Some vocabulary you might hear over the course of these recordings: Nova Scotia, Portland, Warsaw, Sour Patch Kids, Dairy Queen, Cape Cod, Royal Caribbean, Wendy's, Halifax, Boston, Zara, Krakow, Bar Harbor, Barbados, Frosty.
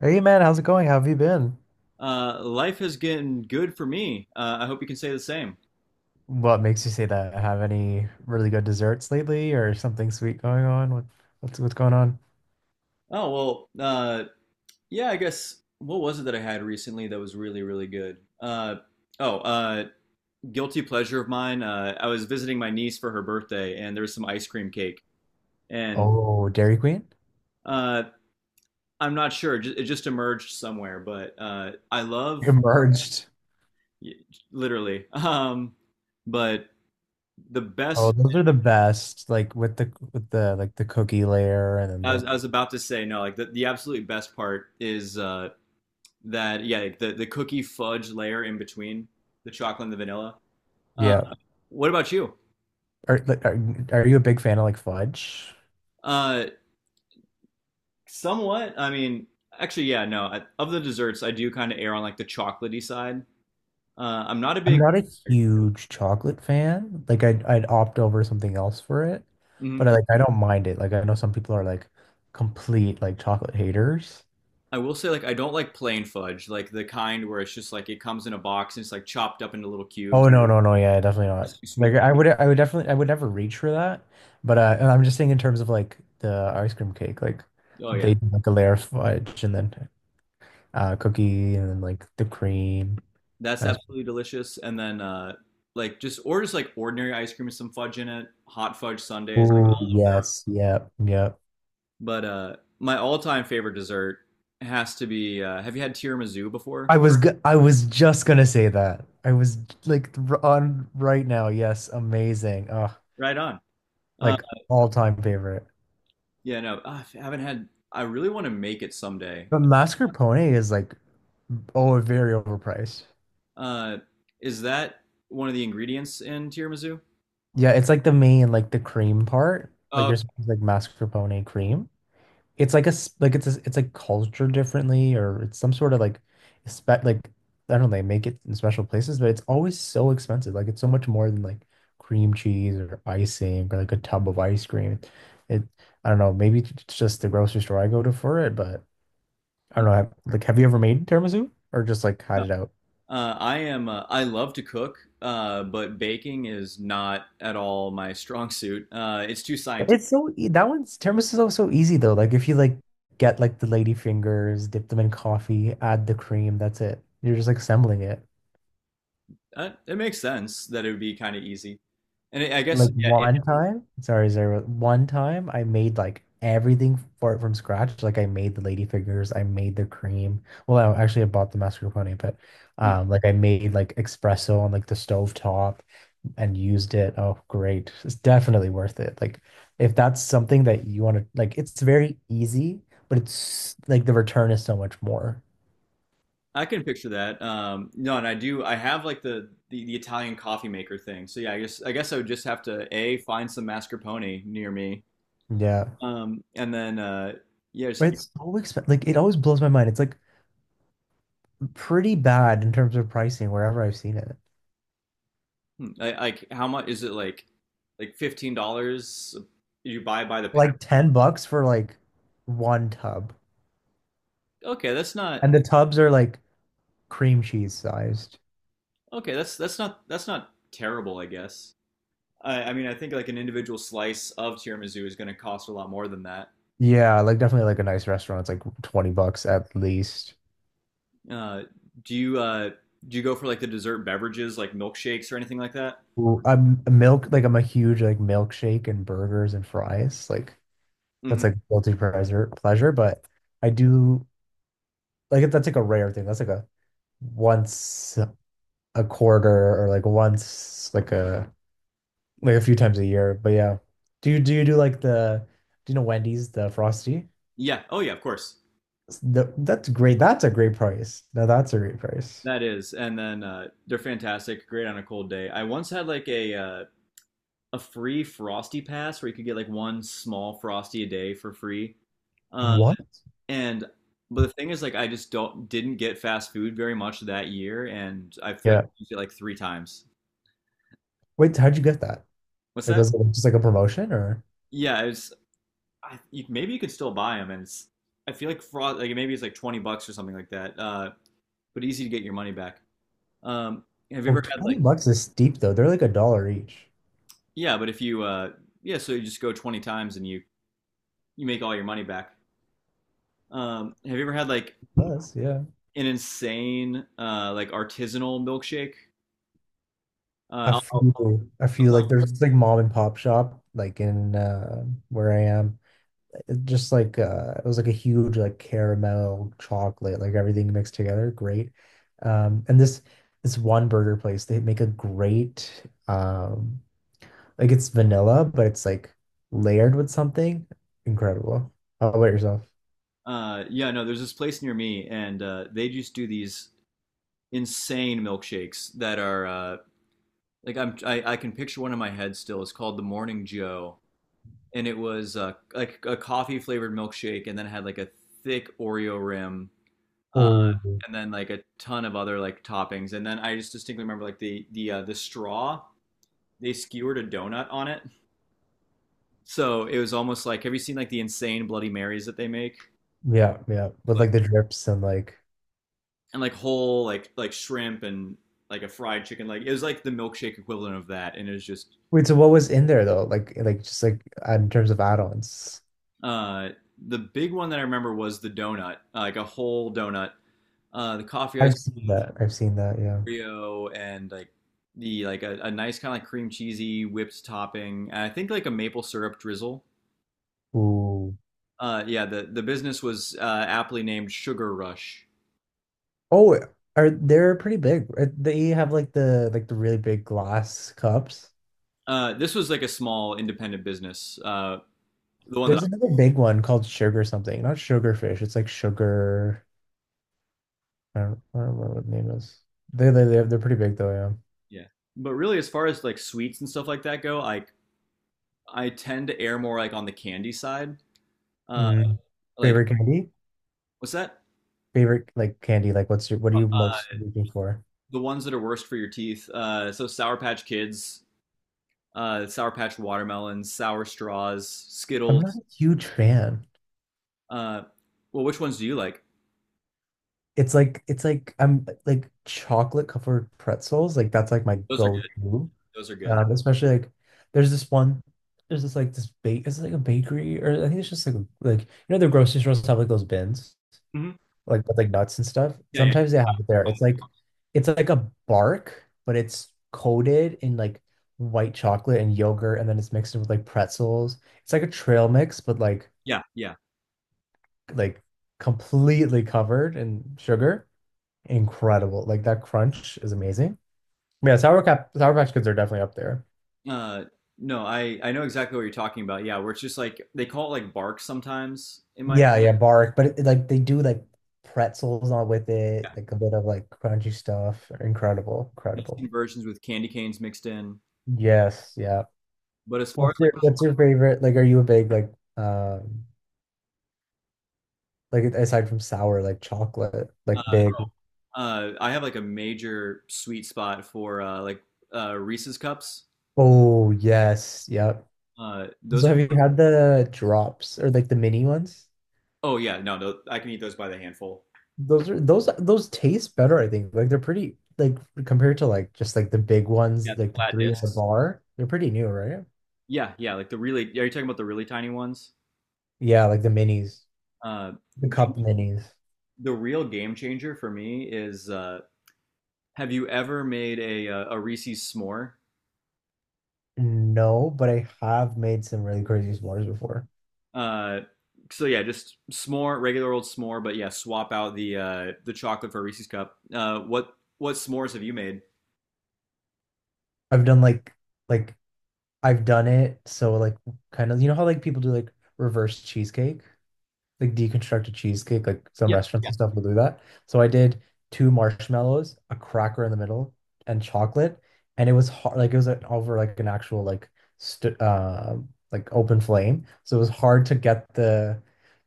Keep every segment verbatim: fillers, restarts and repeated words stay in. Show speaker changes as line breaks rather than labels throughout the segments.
Hey man, how's it going? How have you been?
uh, Life has gotten good for me. Uh, I hope you can say the same.
What makes you say that? Have any really good desserts lately or something sweet going on? What, what's what's going on?
Oh well, uh, yeah. I guess what was it that I had recently that was really really good? Uh, oh, uh, Guilty pleasure of mine. Uh, I was visiting my niece for her birthday, and there was some ice cream cake, and
Oh, Dairy Queen?
uh, I'm not sure. ju- It just emerged somewhere, but uh, I love
Emerged.
y- literally. Um, but the best.
Oh, those are the best. Like with the with the like the cookie layer and then
I was,
the
I was about to say no. Like the, the absolute best part is uh, that, yeah, like the the cookie fudge layer in between the chocolate and the vanilla. Uh,
yeah.
what about you?
Are like are, are you a big fan of like fudge?
Uh, Somewhat. I mean, actually, yeah, no. I, of the desserts, I do kind of err on like the chocolatey side. Uh, I'm not a
I'm
big.
not a huge chocolate fan. Like I'd I'd opt over something else for it.
Mhm.
But I like I don't mind it. Like I know some people are like complete like chocolate haters.
I will say like I don't like plain fudge, like the kind where it's just like it comes in a box and it's like chopped up into little cubes.
Oh no, no, no, yeah, definitely
It's
not.
too
Like
sweet.
I would I would definitely I would never reach for that. But uh and I'm just saying in terms of like the ice cream cake, like
Oh yeah,
they do like a layer of fudge and then uh cookie and then like the cream.
that's
Ice.
absolutely delicious. And then uh, like just or just like ordinary ice cream with some fudge in it, hot fudge sundaes.
Oh yes, yep, yep.
But uh, my all-time favorite dessert has to be. Uh, have you had tiramisu before?
I was g I was just gonna say that. I was like r- On right now, yes, amazing. Oh,
Right on. Uh,
like all time favorite.
yeah, no, I haven't had. I really want to make it someday.
But mascarpone is like oh very overpriced.
Uh, is that one of the ingredients in tiramisu?
Yeah, it's like the main like the cream part. Like
Oh.
you're supposed to like mascarpone cream. It's like a s- like it's a, it's like cultured differently or it's some sort of like spec like I don't know, they make it in special places, but it's always so expensive. Like it's so much more than like cream cheese or icing or like a tub of ice cream. It I don't know, maybe it's just the grocery store I go to for it, but I
Mm.
don't know. Have- Like have you ever made tiramisu or just like had
No.
it out?
Uh, I am. Uh, I love to cook, uh, but baking is not at all my strong suit. Uh, it's too scientific.
It's so e that one's tiramisu is also easy though. Like if you like get like the lady fingers, dip them in coffee, add the cream, that's it. You're just like assembling it.
That, it makes sense that it would be kind of easy. And I I guess,
Like
yeah, if
one
you,
time, sorry, Zara, one time I made like everything for it from scratch. Like I made the lady fingers, I made the cream. Well, I actually I bought the mascarpone, but
mm,
um like I made like espresso on like the stove top and used it. Oh, great. It's definitely worth it. Like if that's something that you want to like it's very easy, but it's like the return is so much more.
I can picture that. Um, no, and I do. I have like the, the the Italian coffee maker thing. So yeah, I guess I guess I would just have to A, find some mascarpone near me.
Yeah.
Um, and then uh Yeah, just,
Right. It's so expensive. Like it always blows my mind. It's like pretty bad in terms of pricing wherever I've seen it.
hmm, I, like how much is it, like like fifteen dollars, you buy by the pack?
Like ten bucks for like one tub.
Okay, that's not
And the tubs are like cream cheese sized.
okay, that's that's not that's not terrible, I guess. I I mean, I think like an individual slice of tiramisu is going to cost a lot more than that.
Yeah, like definitely like a nice restaurant. It's like twenty bucks at least.
Uh, do you uh, do you go for like the dessert beverages, like milkshakes or anything like that?
Ooh, I'm a milk like I'm a huge like milkshake and burgers and fries. Like
Mhm.
that's like guilty pleasure, pleasure, but I do like that's like a rare thing. That's like a once a quarter or like once like a like a few times a year. But yeah, do you do you do like the do you know Wendy's the Frosty?
Yeah. Oh yeah, of course.
The, that's great. That's a great price. Now that's a great price.
That is. And then uh, They're fantastic, great on a cold day. I once had like a uh, a free frosty pass where you could get like one small frosty a day for free. Uh,
What?
and But the thing is, like, I just don't didn't get fast food very much that year, and I feel like
Yeah.
I used it like three times.
Wait, how'd you get that?
What's
Like
that?
was it just like a promotion or?
Yeah, it's I, you, maybe you could still buy them, and it's, I feel like frost like maybe it's like twenty bucks or something like that. Uh, but easy to get your money back. Um, have you
Oh,
ever had like
twenty bucks is steep though. They're like a dollar each.
Yeah, but if you uh yeah, so you just go twenty times and you you make all your money back. Um, have you ever had like
Plus, yeah.
an insane uh like artisanal milkshake? Uh,
I
I'll, I'll,
feel I
I'll
feel
tell
like there's this like mom and pop shop like in uh where I am. It just like uh it was like a huge like caramel chocolate, like everything mixed together. Great. Um and this this one burger place, they make a great um like it's vanilla, but it's like layered with something. Incredible. How about yourself?
you- uh Yeah, no, there's this place near me and uh they just do these insane milkshakes that are uh like I'm I, I can picture one in my head still. It's called the Morning Joe and it was uh like a coffee flavored milkshake and then had like a thick Oreo rim. Um
Oh
and Then like a ton of other like toppings. And then I just distinctly remember like the the uh, the straw they skewered a donut on it. So it was almost like, have you seen like the insane Bloody Marys that they make,
yeah, yeah. With
like
like the drips and like
and like whole like like shrimp and like a fried chicken? Like it was like the milkshake equivalent of that, and it was just
wait, so what was in there though? Like like just like in terms of add-ons.
uh, the big one that I remember was the donut, uh, like a whole donut, uh, the coffee ice,
I've seen that. I've seen that, yeah.
Oreo, and like the like a, a nice kind of like cream cheesy whipped topping. And I think like a maple syrup drizzle.
Ooh.
Uh, yeah, the, the business was uh, aptly named Sugar Rush.
Oh, are they're pretty big. Uh, They have like the like the really big glass cups.
Uh, this was like a small independent business. Uh, the one that
There's
I,
another big one called sugar something. Not sugarfish. It's like sugar. I don't, I don't remember what the name is. They they they're, they're pretty big though,
Yeah. But really, as far as like sweets and stuff like that go, like I tend to err more like on the candy side.
yeah.
Uh,
Mm.
like
Favorite candy?
what's that?
Favorite like candy? Like what's your what are you most
Uh,
looking for?
the ones that are worst for your teeth. Uh, so Sour Patch Kids, uh, Sour Patch Watermelons, Sour Straws,
I'm not
Skittles.
a huge fan.
Uh, well, which ones do you like?
It's like it's like I'm like chocolate covered pretzels. Like that's like my
Those are good.
go-to.
Those are good.
Um, especially like there's this one, there's this like this bake it's like a bakery or I think it's just like a- like you know the grocery stores have like those bins
Mm-hmm.
like with like nuts and stuff.
Yeah, yeah,
Sometimes they have it there. It's like it's like a bark, but it's coated in like white chocolate and yogurt, and then it's mixed in with like pretzels. It's like a trail mix, but like
yeah, yeah.
like completely covered in sugar incredible. Like that crunch is amazing. Yeah, Sour Cap Sour Patch Kids are definitely up there.
Uh, no, I I know exactly what you're talking about. Yeah, where it's just like they call it like bark sometimes in my
Yeah, yeah, bark, but it, like they do like pretzels on with it,
yeah,
like a bit of like crunchy stuff. Incredible,
I've
incredible.
seen versions with candy canes mixed in.
Yes, yeah.
But as far as
What's your what's your favorite? Like, are you a big like um like aside from sour, like chocolate, like
like
big?
uh, uh, I have like a major sweet spot for uh, like uh, Reese's cups.
Oh yes, yep.
Uh, those
So
are
have you had the drops or like the mini ones?
Oh yeah, no, no, I can eat those by the handful.
Those are those those taste better, I think. Like they're pretty like compared to like just like the big
Yeah,
ones,
the
like the
flat
three in the
discs.
bar. They're pretty new, right?
Yeah, yeah, like the really, are you talking about the really tiny ones?
Yeah, like the minis,
Uh,
the
but
cup minis.
the real game changer for me is uh, have you ever made a uh, a Reese's s'more?
No, but I have made some really crazy s'mores before.
Uh, so yeah, just s'more, regular old s'more, but yeah, swap out the uh, the chocolate for a Reese's cup. Uh, what what s'mores have you made?
I've done like like I've done it so like kind of you know how like people do like reverse cheesecake? Like deconstruct a cheesecake. Like some
Yeah,
restaurants
yeah.
and stuff will do that. So I did two marshmallows, a cracker in the middle, and chocolate. And it was hard, like it was like, over like an actual like st uh like open flame. So it was hard to get the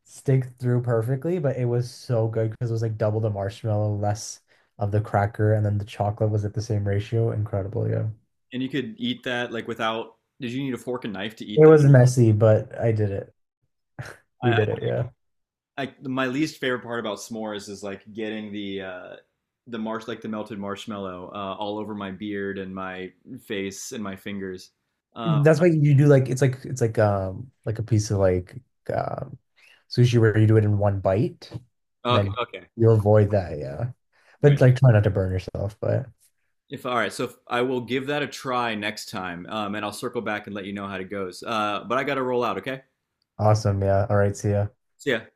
stick through perfectly, but it was so good because it was like double the marshmallow, less of the cracker, and then the chocolate was at the same ratio. Incredible, yeah.
And you could eat that like without. Did you need a fork and knife to eat
It
that?
was messy, but I did it. We
I,
did it, yeah.
I my least favorite part about s'mores is like getting the uh, the marsh like the melted marshmallow uh, all over my beard and my face and my fingers. Uh,
That's why you do like it's like it's like um like a piece of like um sushi where you do it in one bite and
okay,
then
okay,
you avoid that, yeah.
All right.
But like try not to burn yourself, but
If all right, so if, I will give that a try next time, um, and I'll circle back and let you know how it goes. Uh, but I got to roll out. Okay.
awesome, yeah. All right, see ya.
See ya.